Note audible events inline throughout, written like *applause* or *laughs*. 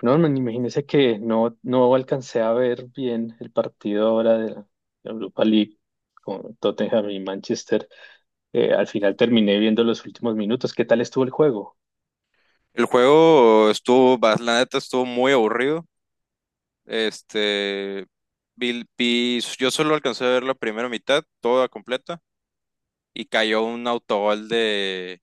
No, man, imagínese que no alcancé a ver bien el partido ahora de la Europa League con Tottenham y Manchester. Al final terminé viendo los últimos minutos. ¿Qué tal estuvo el juego? El juego estuvo, la neta estuvo muy aburrido. Este, yo solo alcancé a ver la primera mitad, toda completa, y cayó un autogol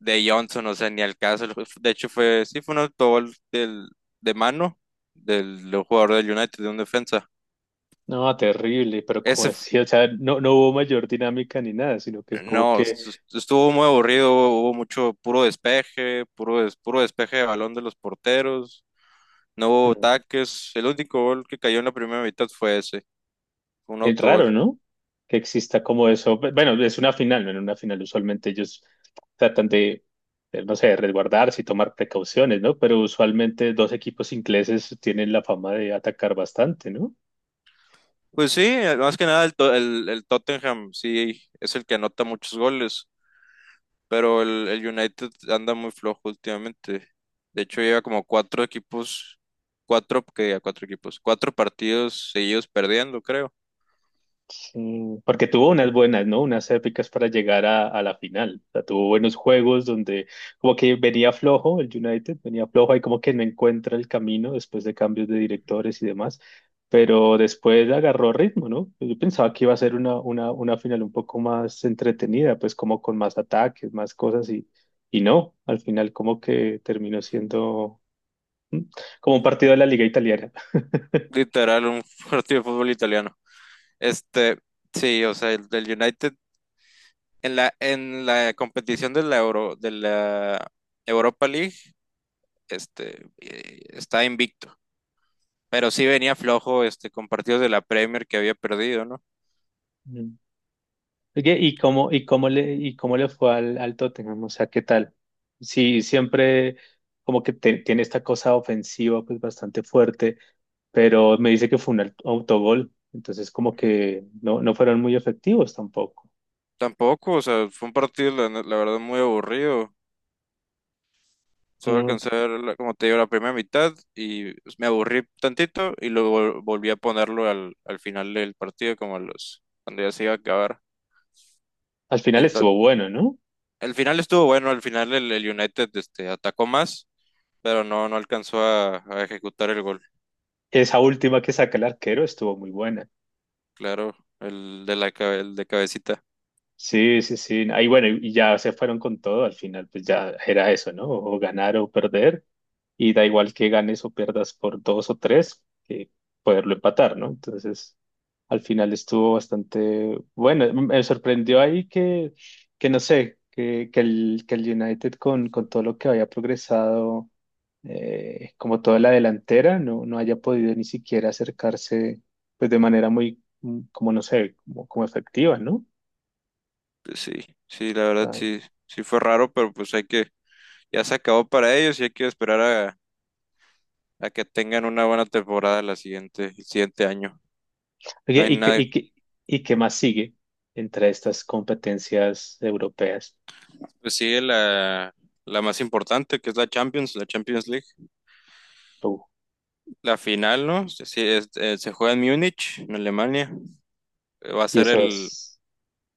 de Johnson, o sea, ni al caso. De hecho, fue, sí, fue un autogol de mano del jugador del United, de un defensa. No, terrible, pero como Ese, así, o sea, no hubo mayor dinámica ni nada, sino que es como No, que estuvo muy aburrido, hubo mucho puro despeje, puro despeje de balón de los porteros, no hubo ataques, el único gol que cayó en la primera mitad fue ese, fue un es raro, autogol. ¿no? Que exista como eso. Bueno, es una final, ¿no? En una final usualmente ellos tratan de, no sé, resguardarse y tomar precauciones, ¿no? Pero usualmente dos equipos ingleses tienen la fama de atacar bastante, ¿no? Pues sí, más que nada el Tottenham sí es el que anota muchos goles, pero el United anda muy flojo últimamente. De hecho lleva como cuatro equipos, cuatro equipos, cuatro partidos seguidos perdiendo, creo. Mm, porque tuvo unas buenas, ¿no? Unas épicas para llegar a la final. O sea, tuvo buenos juegos donde como que venía flojo el United, venía flojo y como que no encuentra el camino después de cambios de directores y demás. Pero después agarró ritmo, ¿no? Yo pensaba que iba a ser una final un poco más entretenida, pues como con más ataques, más cosas y no, al final como que terminó siendo mm, como un partido de la Liga Italiana. Literal, un *laughs* partido de fútbol italiano. Este, sí, o sea, el del United en la competición de la Europa League, está invicto, pero sí venía flojo este con partidos de la Premier que había perdido, ¿no? Oye, y cómo le fue al, al Tottenham? O sea, ¿qué tal? Sí, siempre como que tiene esta cosa ofensiva pues bastante fuerte, pero me dice que fue un autogol, entonces como que no, no fueron muy efectivos tampoco. Tampoco, o sea, fue un partido la verdad muy aburrido. Solo No alcancé te- a ver, como te digo, la primera mitad y me aburrí tantito y luego volví a ponerlo al final del partido, como a los, cuando ya se iba a acabar. Al final estuvo Entonces, bueno, ¿no? el final estuvo bueno, al final el United este, atacó más, pero no, no alcanzó a ejecutar el gol. Esa última que saca el arquero estuvo muy buena. Claro, el de cabecita. Sí, sí, sí. Ahí bueno, y ya se fueron con todo al final, pues ya era eso, ¿no? O ganar o perder. Y da igual que ganes o pierdas por dos o tres, que poderlo empatar, ¿no? Entonces, al final estuvo bastante bueno. Me sorprendió ahí que no sé, que el United con todo lo que había progresado, como toda la delantera, no, no haya podido ni siquiera acercarse, pues de manera muy, mm, como no sé, como, como efectiva, ¿no? Pues sí, sí, la verdad sí, sí fue raro, pero pues hay que, ya se acabó para ellos y hay que esperar a que tengan una buena temporada la siguiente, el siguiente año. No Oye, hay ¿y qué, nada. y qué- y qué más sigue entre estas competencias europeas? Pues sigue la más importante, que es la Champions League. Uh, La final, ¿no? Sí, sí, se juega en Múnich, en Alemania. Va a y ser eso es.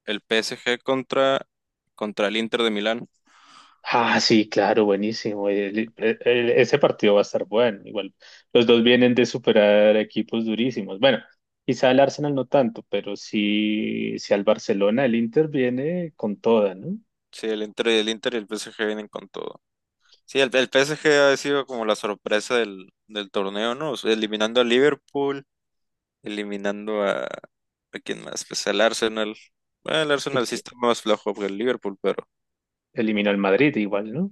el PSG contra el Inter de Milán. Ah, sí, claro, buenísimo. Ese partido va a estar bueno. Igual, los dos vienen de superar equipos durísimos. Bueno, quizá el Arsenal no tanto, pero sí, sí al Barcelona, el Inter viene con toda, ¿no? Sí, el Inter y el PSG vienen con todo. Sí, el PSG ha sido como la sorpresa del torneo, ¿no? O sea, eliminando a Liverpool, eliminando a... ¿A quién más? Pues al Arsenal. Bueno, el Arsenal sí Que está más flojo que el Liverpool, pero... Eliminó al Madrid igual, ¿no?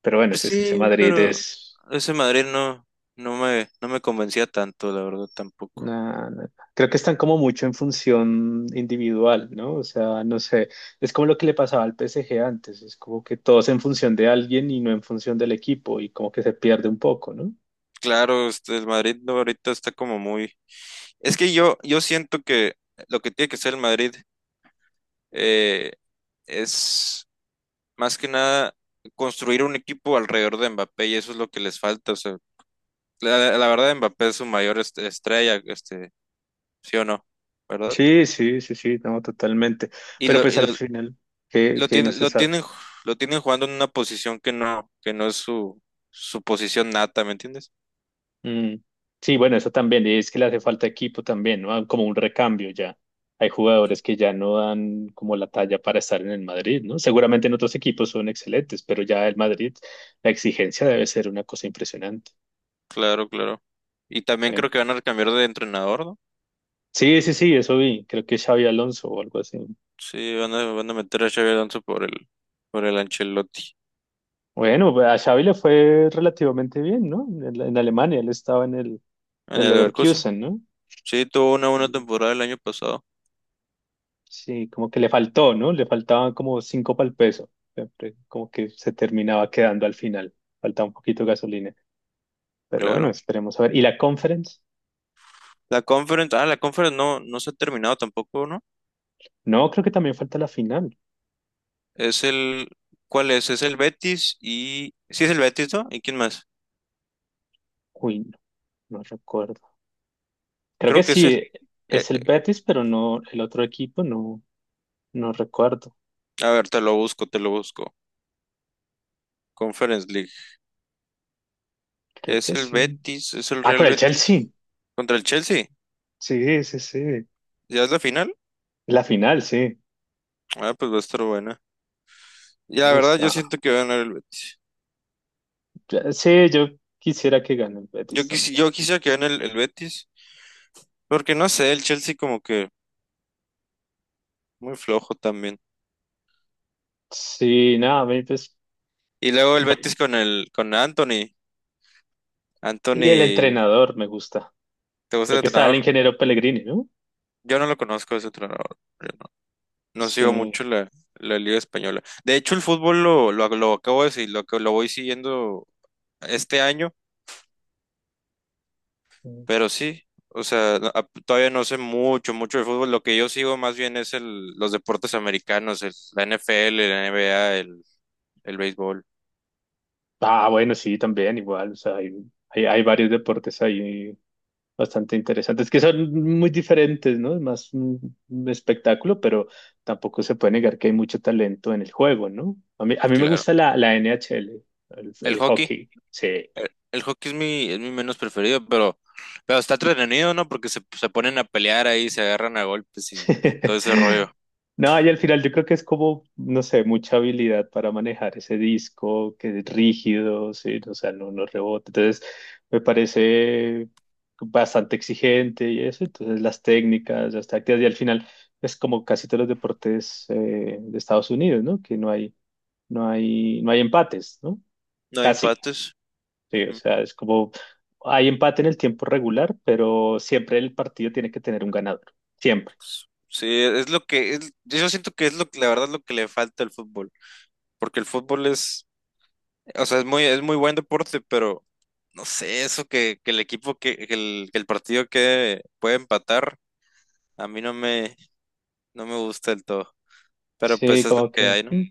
Pero bueno, Pues si es que ese sí, Madrid pero es. ese Madrid no, no me convencía tanto, la verdad, tampoco. No, no, no. Creo que están como mucho en función individual, ¿no? O sea, no sé, es como lo que le pasaba al PSG antes, es como que todos en función de alguien y no en función del equipo y como que se pierde un poco, ¿no? Claro, este, el Madrid no, ahorita está como muy... Es que yo siento que lo que tiene que ser el Madrid eh, es más que nada construir un equipo alrededor de Mbappé y eso es lo que les falta. O sea, la verdad, Mbappé es su mayor estrella, este, sí o no, ¿verdad? Sí, sí, sí, sí, no, totalmente. Y Pero lo, pues y al lo- final, lo que no tienen, se sabe. Lo tienen jugando en una posición que no es su, su posición nata, ¿me entiendes? Mm, sí, bueno, eso también, y es que le hace falta equipo también, ¿no? Ah, como un recambio ya. Hay jugadores que ya no dan como la talla para estar en el Madrid, ¿no? Seguramente en otros equipos son excelentes, pero ya el Madrid, la exigencia debe ser una cosa impresionante. Claro, claro. Y también Bueno, creo que van a cambiar de entrenador, ¿no? sí, sí, sí, eso vi, creo que Xavi Alonso o algo así. Sí, van a meter a Xavi Alonso por por el Ancelotti Bueno, a Xavi le fue relativamente bien, ¿no? En Alemania, él estaba en en el el Leverkusen. Leverkusen, ¿no? Sí, tuvo una buena temporada el año pasado, Sí, como que le faltó, ¿no? Le faltaban como cinco para el peso. Siempre como que se terminaba quedando al final. Faltaba un poquito de gasolina. Pero bueno, claro. esperemos a ver. ¿Y la conference? La Conference, ah, la Conference no, no se ha terminado tampoco, ¿no? No, creo que también falta la final. Es el, ¿Cuál es? Es el Betis y, sí es el Betis, ¿no? ¿Y quién más? Uy, no, no recuerdo. Creo que Creo que es sí, el, eh, es el eh, Betis, pero no, el otro equipo no, no recuerdo. a ver, te lo busco, te lo busco. Conference League. Creo que sí. Es el Ah, Real con el Chelsea. Betis contra el Chelsea. Sí, sí, sí. ¿Ya es la final? La final, sí. Ah, pues va a estar buena. Ya, la Uy, verdad, yo está. siento que va a ganar el Betis. Sí, yo quisiera que gane el Betis también. Yo quisiera que gane el Betis, porque no sé, el Chelsea como que muy flojo también. Sí, nada, me- pues. Y luego el Betis con el con Anthony. Y el Anthony, entrenador me gusta. ¿te gusta Creo el que está el entrenador? ingeniero Pellegrini, ¿no? Yo no lo conozco ese entrenador. Yo no, No sigo Sí. mucho la Liga Española. De hecho, el fútbol lo acabo de decir, lo voy siguiendo este año. Pero sí, o sea, todavía no sé mucho, mucho de fútbol. Lo que yo sigo más bien es el, los deportes americanos, la NFL, la NBA, el béisbol, Ah, bueno, sí, también igual. O sea, hay varios deportes ahí bastante interesantes que son muy diferentes, ¿no? Es más un espectáculo, pero tampoco se puede negar que hay mucho talento en el juego, ¿no? A mí me claro. gusta la N NHL, El el hockey, hockey. Sí. El hockey es mi menos preferido, pero está entretenido, ¿no? Porque se ponen a pelear ahí, se agarran a golpes y todo ese *laughs* rollo. No, y al final yo creo que es como, no sé, mucha habilidad para manejar ese disco que es rígido, sí, o sea, no, no rebota. Entonces, me parece bastante exigente y eso. Entonces, las técnicas, las tácticas, y al final es como casi todos los deportes de Estados Unidos, ¿no? Que no hay empates, ¿no? No hay Casi, empates. sí, o Ujú. sea, es como hay empate en el tiempo regular, pero siempre el partido tiene que tener un ganador, siempre. Sí, es lo que, es- yo siento que es lo que, la verdad, lo que le falta al fútbol. Porque el fútbol es, o sea, es muy buen deporte, pero no sé, eso que el equipo, que el partido que puede empatar, a mí no me, no me gusta del todo. Pero pues Sí, es lo como que que hay, ¿no? mm.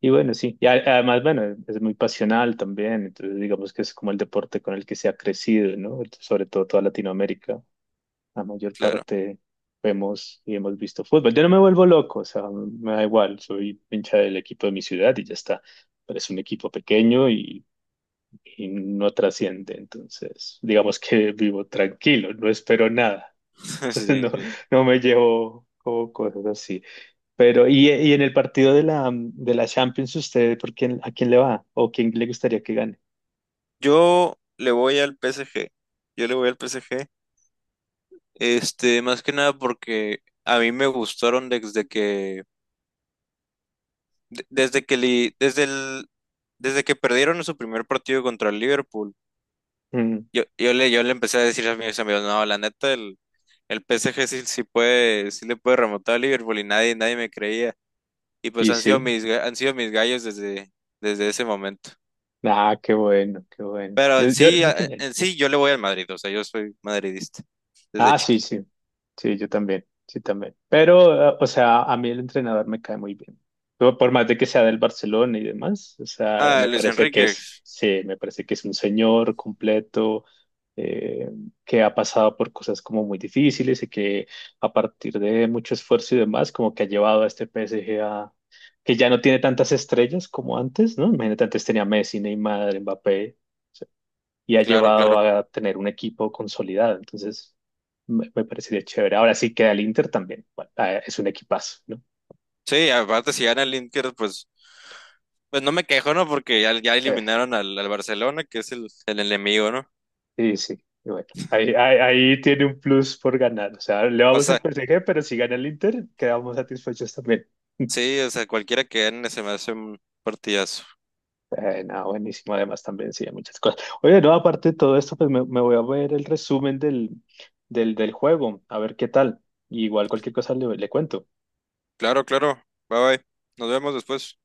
Y bueno, sí, y además, bueno, es muy pasional también, entonces digamos que es como el deporte con el que se ha crecido, ¿no? Sobre todo toda Latinoamérica, la mayor Claro. parte vemos y hemos visto fútbol. Yo no me vuelvo loco, o sea, me da igual, soy hincha del equipo de mi ciudad y ya está, pero es un equipo pequeño y no trasciende, entonces digamos que vivo tranquilo, no espero nada, *laughs* *laughs* Sí, no, sí. no me llevo como cosas así. Pero, y en el partido de de la Champions, ¿usted por quién, a quién le va? ¿O quién le gustaría que gane? Yo le voy al PSG. Yo le voy al PSG. Este, más que nada porque a mí me gustaron desde que, de- desde que, li- desde el, desde que perdieron su primer partido contra el Liverpool. Mm, Yo le empecé a decir a mis amigos, no, la neta, el PSG sí, sí puede, sí le puede remontar a Liverpool y nadie, nadie me creía. Y pues y han sido sí, han sido mis gallos desde, desde ese momento. ah, qué bueno, qué bueno. Pero Yo, en yo, sí, yo también. en sí yo le voy al Madrid, o sea, yo soy madridista desde Ah, sí, chiquito. sí. Sí, yo también. Sí, también. Pero, o sea, a mí el entrenador me cae muy bien. Por más de que sea del Barcelona y demás, o sea, Ah, me Luis parece que Enrique, es, sí, me parece que es un señor completo, eh, que ha pasado por cosas como muy difíciles y que a partir de mucho esfuerzo y demás, como que ha llevado a este PSG a, que ya no tiene tantas estrellas como antes, ¿no? Imagínate, antes tenía Messi, Neymar, Mbappé y ha claro, llevado claro. a tener un equipo consolidado. Entonces, me parecería chévere. Ahora sí queda el Inter también. Bueno, ah, es un equipazo, ¿no? Sí, aparte si gana el Inter, pues, pues no me quejo, ¿no? Porque ya, ya Sí, eliminaron al Barcelona, que es el enemigo, ¿no? sí. Sí. Y bueno, ahí tiene un plus por ganar. O sea, le O vamos al sea, PSG, pero si gana el Inter, quedamos satisfechos también. *laughs* sí, o sea, cualquiera que gane se me hace un partidazo. No, buenísimo, además también sí, hay muchas cosas. Oye, no, aparte de todo esto, pues me voy a ver el resumen del juego, a ver qué tal. Igual cualquier cosa le, le cuento. Claro, claro. Bye bye. Nos vemos después.